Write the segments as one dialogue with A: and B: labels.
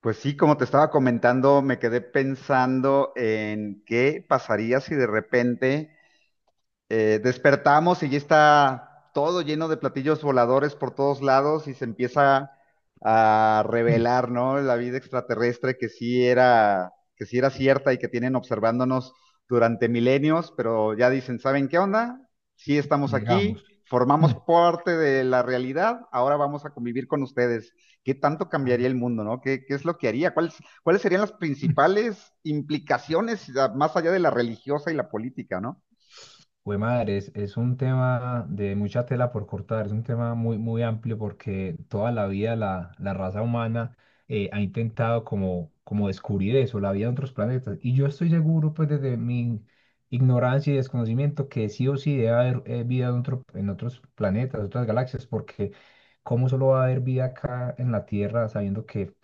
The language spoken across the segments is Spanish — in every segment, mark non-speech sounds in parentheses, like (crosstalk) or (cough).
A: Pues sí, como te estaba comentando, me quedé pensando en qué pasaría si de repente despertamos y ya está todo lleno de platillos voladores por todos lados y se empieza a
B: Mm,
A: revelar, ¿no? La vida extraterrestre que sí era, cierta y que tienen observándonos durante milenios, pero ya dicen, ¿saben qué onda? Sí estamos
B: Llegamos.
A: aquí, formamos
B: Mm,
A: parte de la realidad, ahora vamos a convivir con ustedes. ¿Qué tanto
B: a
A: cambiaría
B: mí.
A: el mundo, no? ¿Qué es lo que haría? ¿Cuáles serían las
B: Mm.
A: principales implicaciones más allá de la religiosa y la política, no?
B: Jue madre, es un tema de mucha tela por cortar, es un tema muy, muy amplio porque toda la vida la raza humana ha intentado como descubrir eso, la vida en otros planetas. Y yo estoy seguro, pues desde mi ignorancia y desconocimiento, que sí o sí debe haber vida en en otros planetas, otras galaxias, porque ¿cómo solo va a haber vida acá en la Tierra sabiendo que,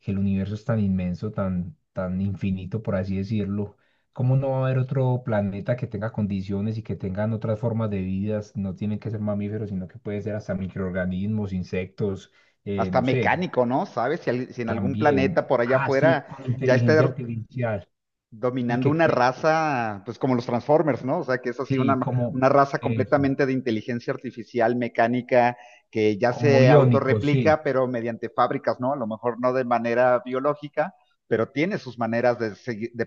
B: que el universo es tan inmenso, tan, tan infinito, por así decirlo? ¿Cómo no va a haber otro planeta que tenga condiciones y que tengan otras formas de vidas? No tienen que ser mamíferos, sino que puede ser hasta microorganismos, insectos,
A: Hasta
B: no sé,
A: mecánico, ¿no? ¿Sabes? Si en algún planeta
B: también.
A: por allá
B: Ah, sí,
A: afuera
B: con
A: ya está
B: inteligencia artificial y
A: dominando
B: que,
A: una
B: cre-
A: raza, pues como los Transformers, ¿no? O sea, que es así una,
B: sí, como,
A: una raza
B: eso,
A: completamente de inteligencia artificial, mecánica, que ya
B: como
A: se
B: biónicos, sí.
A: autorreplica, pero mediante fábricas, ¿no? A lo mejor no de manera biológica, pero tiene sus maneras de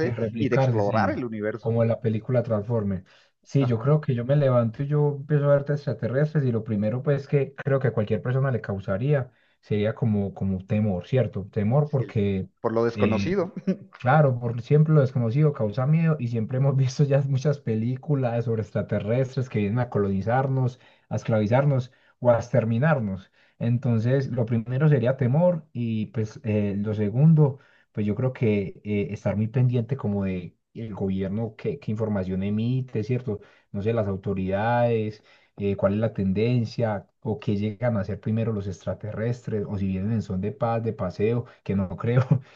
B: De
A: y de
B: replicarse,
A: explorar
B: sí,
A: el universo.
B: como en la película Transformers. Sí, yo
A: Ajá.
B: creo que yo me levanto y yo empiezo a ver extraterrestres y lo primero pues que creo que a cualquier persona le causaría sería como temor, ¿cierto? Temor
A: Sí,
B: porque
A: por lo
B: eh,
A: desconocido.
B: claro, por siempre lo desconocido causa miedo y siempre hemos (laughs) visto ya muchas películas sobre extraterrestres que vienen a colonizarnos, a esclavizarnos o a exterminarnos. Entonces, lo primero sería temor y pues lo segundo, pues yo creo que estar muy pendiente como de el gobierno, qué información emite, ¿cierto? No sé, las autoridades, cuál es la tendencia o qué llegan a hacer primero los extraterrestres o si vienen en son de paz, de paseo, que no creo. (laughs)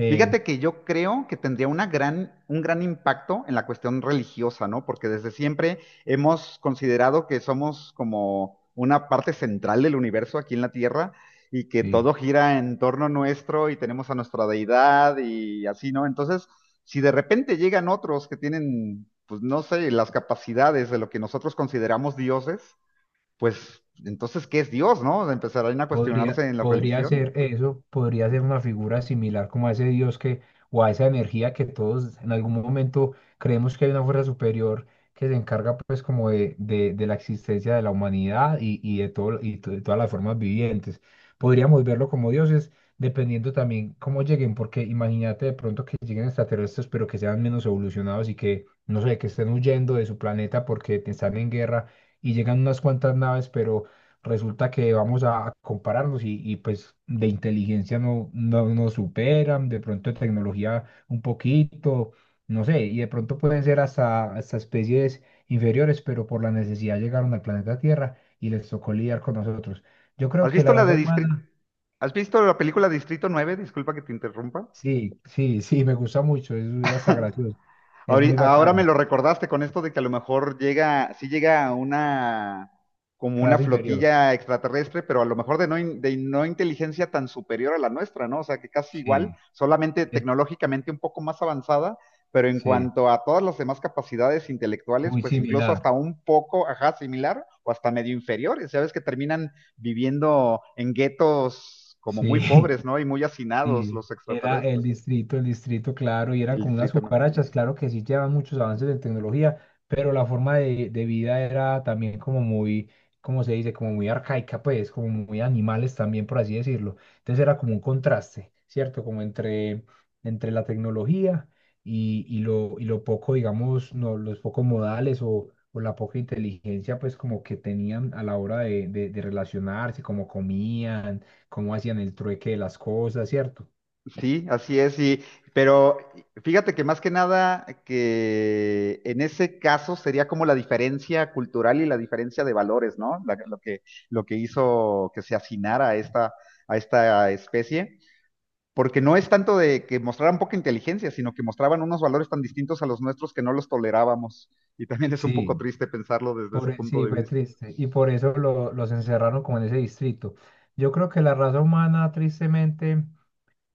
B: Eh,
A: Fíjate que yo creo que tendría una gran, un gran impacto en la cuestión religiosa, ¿no? Porque desde siempre hemos considerado que somos como una parte central del universo aquí en la Tierra y que
B: Sí,
A: todo gira en torno nuestro y tenemos a nuestra deidad y así, ¿no? Entonces, si de repente llegan otros que tienen, pues no sé, las capacidades de lo que nosotros consideramos dioses, pues entonces, ¿qué es Dios, no? Empezarán a
B: podría,
A: cuestionarse en la
B: podría
A: religión.
B: ser eso, podría ser una figura similar como a ese Dios que, o a esa energía que todos en algún momento creemos que hay una fuerza superior que se encarga pues como de la existencia de la humanidad y, de todo, y de todas las formas vivientes. Podríamos verlo como dioses, dependiendo también cómo lleguen, porque imagínate de pronto que lleguen extraterrestres, pero que sean menos evolucionados y que, no sé, que estén huyendo de su planeta porque están en guerra y llegan unas cuantas naves, pero resulta que vamos a compararnos pues de inteligencia no, no nos superan, de pronto de tecnología un poquito, no sé, y de pronto pueden ser hasta especies inferiores, pero por la necesidad llegaron al planeta Tierra y les tocó lidiar con nosotros. Yo creo
A: ¿Has
B: que
A: visto
B: la
A: la
B: raza
A: de Distrito?
B: humana,
A: ¿Has visto la película Distrito 9? Disculpa que te interrumpa.
B: sí, sí, sí, me gusta mucho, es hasta
A: (laughs)
B: gracioso, es
A: Ahori-
B: muy
A: Ahora me
B: bacana,
A: lo recordaste con esto de que a lo mejor llega, sí llega una, como una
B: raza inferior,
A: flotilla extraterrestre, pero a lo mejor de no inteligencia tan superior a la nuestra, ¿no? O sea, que casi igual,
B: sí,
A: solamente
B: es-
A: tecnológicamente un poco más avanzada, pero en
B: sí,
A: cuanto a todas las demás capacidades intelectuales,
B: muy
A: pues incluso
B: similar,
A: hasta un poco, ajá, similar o hasta medio inferiores. Ya ves que terminan viviendo en guetos como
B: sí.
A: muy pobres,
B: (laughs)
A: ¿no? Y muy hacinados
B: Sí,
A: los
B: era
A: extraterrestres,
B: el distrito, claro, y eran
A: el
B: como unas
A: distrito, ¿no?
B: cucarachas, claro que sí llevan muchos avances en tecnología, pero la forma de vida era también como muy, ¿cómo se dice? Como muy arcaica, pues, como muy animales también, por así decirlo. Entonces era como un contraste, ¿cierto? Como entre la tecnología y lo poco, digamos, no, los pocos modales o la poca inteligencia, pues, como que tenían a la hora de relacionarse, como comían cómo hacían el trueque de las cosas, ¿cierto?
A: Sí, así es, pero fíjate que más que nada que en ese caso sería como la diferencia cultural y la diferencia de valores, ¿no? Lo que, hizo que se hacinara a esta especie, porque no es tanto de que mostraran poca inteligencia, sino que mostraban unos valores tan distintos a los nuestros que no los tolerábamos. Y también es un poco
B: Sí.
A: triste pensarlo desde ese punto
B: Sí,
A: de
B: fue
A: vista.
B: triste. Y por eso los encerraron como en ese distrito. Yo creo que la raza humana, tristemente,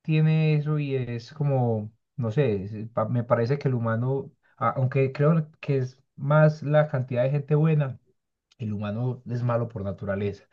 B: tiene eso y es como, no sé, me parece que el humano, aunque creo que es más la cantidad de gente buena, el humano es malo por naturaleza.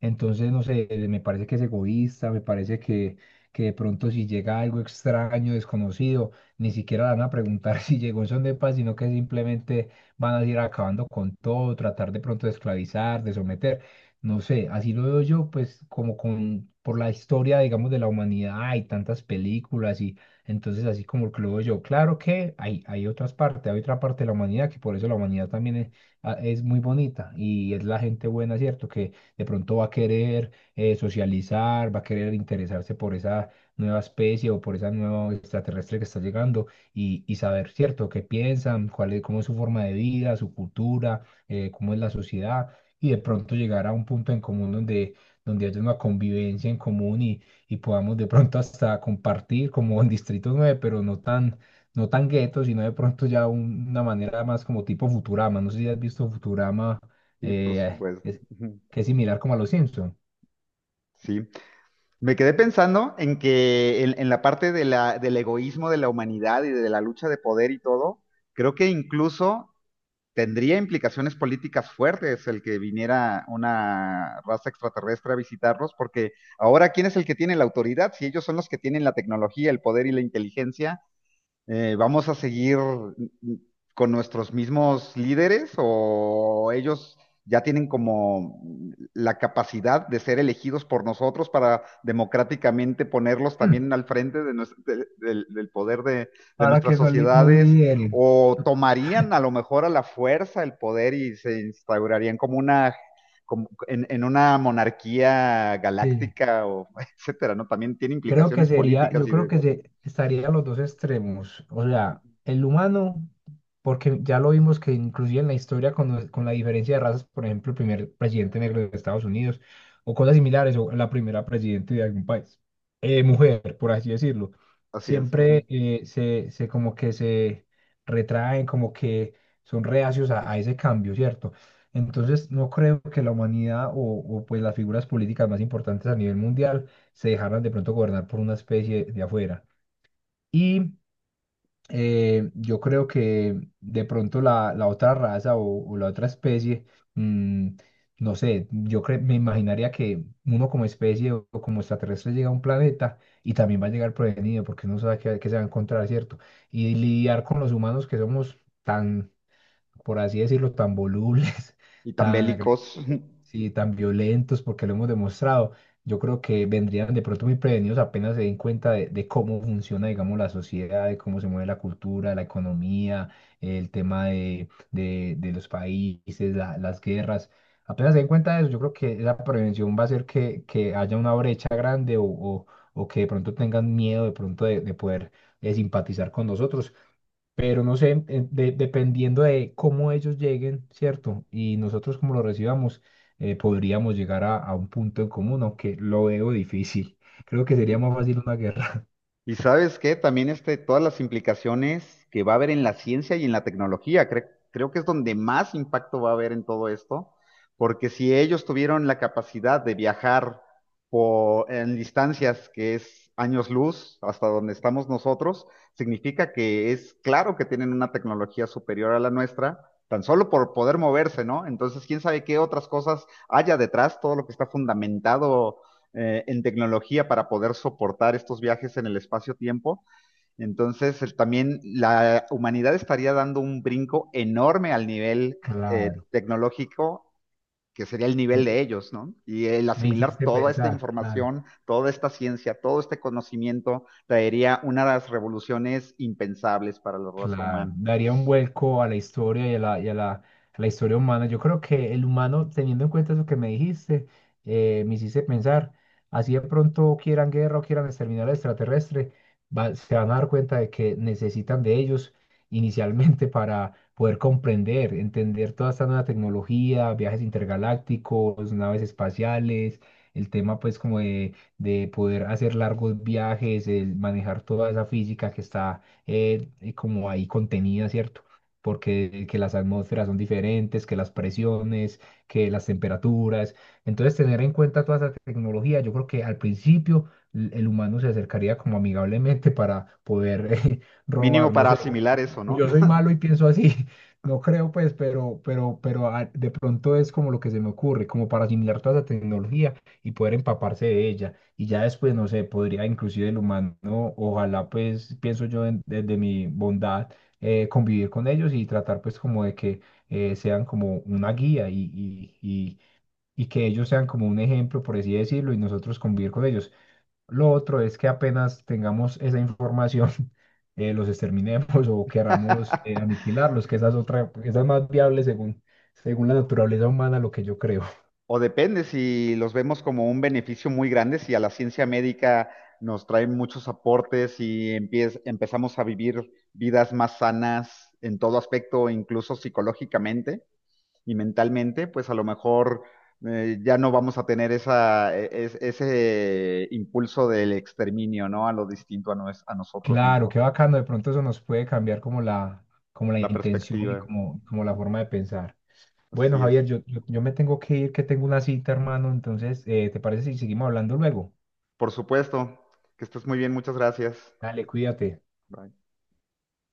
B: Entonces, no sé, me parece que es egoísta, me parece que de pronto si llega algo extraño, desconocido, ni siquiera le van a preguntar (laughs) si llegó en son de paz, sino que simplemente van a ir acabando con todo, tratar de pronto de esclavizar, de someter. No sé, así lo veo yo, pues como con, por la historia, digamos, de la humanidad, hay tantas películas y entonces así como que lo veo yo. Claro que hay otras partes, hay otra parte de la humanidad que por eso la humanidad también es, ah, es muy bonita y es la gente buena, ¿cierto? Que de pronto va a querer socializar, va a querer interesarse por esa nueva especie o por esa nueva extraterrestre que está llegando y saber, ¿cierto?, qué piensan, cuál es, cómo es su forma de vida, su cultura, cómo es la sociedad y de pronto llegar a un punto en común donde, donde haya una convivencia en común y podamos de pronto hasta compartir como en Distrito 9, pero no tan gueto, sino de pronto ya una manera más como tipo Futurama. No sé si has visto Futurama,
A: Sí, por
B: eh,
A: supuesto.
B: es-
A: (laughs)
B: que es similar como a los Simpson.
A: Sí. Me quedé pensando en la parte de del egoísmo de la humanidad y de la lucha de poder y todo, creo que incluso tendría implicaciones políticas fuertes el que viniera una raza extraterrestre a visitarlos, porque ahora, ¿quién es el que tiene la autoridad? Si ellos son los que tienen la tecnología, el poder y la inteligencia, ¿vamos a seguir con nuestros mismos líderes o ellos ya tienen como la capacidad de ser elegidos por nosotros para democráticamente ponerlos
B: Mm.
A: también al frente de del poder de
B: Para
A: nuestras
B: que nos
A: sociedades?
B: lideren.
A: ¿O tomarían a lo mejor a la fuerza el poder y se instaurarían como una... como en una monarquía
B: Sí,
A: galáctica o (laughs) etcétera, ¿no? También tiene
B: creo que
A: implicaciones
B: sería,
A: políticas
B: yo
A: y
B: creo que se, estaría a los dos extremos, o sea, el humano, porque ya lo vimos que inclusive en la historia con, con la diferencia de razas, por ejemplo, el primer presidente negro de Estados Unidos o cosas similares, o la primera presidente de algún país, mujer, por así decirlo,
A: así es. Ujú.
B: siempre se como que se retraen, como que son reacios a ese cambio, ¿cierto? Entonces, no creo que la humanidad o pues las figuras políticas más importantes a nivel mundial se dejaran de pronto gobernar por una especie de afuera. Y yo creo que de pronto la otra raza o la otra especie, mm, no sé, me imaginaría que uno como especie o como extraterrestre llega a un planeta y también va a llegar prevenido porque no sabe qué se va a encontrar, ¿cierto? Y lidiar con los humanos que somos tan por así decirlo, tan volubles, (laughs)
A: Y tan
B: tan
A: bélicos.
B: agresivos,
A: (laughs)
B: sí, tan violentos, porque lo hemos demostrado. Yo creo que vendrían de pronto muy prevenidos apenas se den cuenta de cómo funciona, digamos, la sociedad, de cómo se mueve la cultura, la economía, el tema de los países, las guerras. Apenas se den cuenta de eso, yo creo que la prevención va a hacer que haya una brecha grande o que de pronto tengan miedo de pronto de poder simpatizar con nosotros pero no sé, dependiendo de cómo ellos lleguen, ¿cierto? Y nosotros cómo lo recibamos, podríamos llegar a un punto en común, aunque lo veo difícil. (laughs) Creo que
A: Y,
B: sería más fácil una guerra. (laughs)
A: y ¿sabes qué? También todas las implicaciones que va a haber en la ciencia y en la tecnología, creo que es donde más impacto va a haber en todo esto, porque si ellos tuvieron la capacidad de viajar en distancias que es años luz hasta donde estamos nosotros, significa que es claro que tienen una tecnología superior a la nuestra. Tan solo por poder moverse, ¿no? Entonces, quién sabe qué otras cosas haya detrás, todo lo que está fundamentado en tecnología para poder soportar estos viajes en el espacio-tiempo. Entonces, también la humanidad estaría dando un brinco enorme al nivel
B: Claro,
A: tecnológico, que sería el nivel
B: m-
A: de ellos, ¿no? Y el
B: me
A: asimilar
B: hiciste
A: toda esta
B: pensar, claro.
A: información, toda esta ciencia, todo este conocimiento, traería una de las revoluciones impensables para la raza
B: Claro,
A: humana.
B: daría un vuelco a la historia a la historia humana. Yo creo que el humano, teniendo en cuenta eso que me dijiste, me hiciste pensar, así de pronto quieran guerra o quieran exterminar al extraterrestre, se van a dar cuenta de que necesitan de ellos inicialmente (laughs) para poder comprender, entender toda esta nueva tecnología, viajes intergalácticos, naves espaciales, el tema pues como de- poder hacer largos viajes, el manejar toda esa física que está como ahí contenida, ¿cierto? Porque que las atmósferas son diferentes, que las presiones, que las temperaturas. Entonces, tener en cuenta toda esa tecnología, yo creo que al principio el humano se acercaría como amigablemente para poder (laughs)
A: Mínimo
B: robar, no
A: para
B: sé,
A: asimilar eso,
B: pues
A: ¿no?
B: yo soy malo y pienso así, (laughs) no creo pues, pero, de pronto es como lo que se me ocurre, como para asimilar toda esa tecnología y poder empaparse de ella. Y ya después, no sé, podría inclusive el humano, ojalá pues, pienso yo desde mi bondad, convivir con ellos y tratar pues como de que sean como una guía y, y, y que ellos sean como un ejemplo, por así decirlo, y nosotros convivir con ellos. Lo otro es que apenas tengamos esa información, (laughs) los exterminemos o
A: (laughs)
B: queramos aniquilarlos, que esa es otra, esa es más viable según la naturaleza humana, lo que yo creo. (laughs)
A: O depende si los vemos como un beneficio muy grande, si a la ciencia médica nos traen muchos aportes y empezamos a vivir vidas más sanas en todo aspecto, incluso psicológicamente y mentalmente, pues a lo mejor ya no vamos a tener esa, ese impulso del exterminio, ¿no? A lo distinto a nosotros
B: Claro,
A: mismos,
B: qué bacano, de pronto eso nos puede cambiar como la
A: la
B: intención y
A: perspectiva.
B: como la
A: Ujú.
B: forma de pensar. Bueno,
A: Así es.
B: Javier, yo me tengo que ir, que tengo una cita, hermano, entonces, ¿te parece si seguimos hablando luego?
A: Por supuesto, que estés muy bien, muchas gracias.
B: Dale, cuídate.
A: Bye.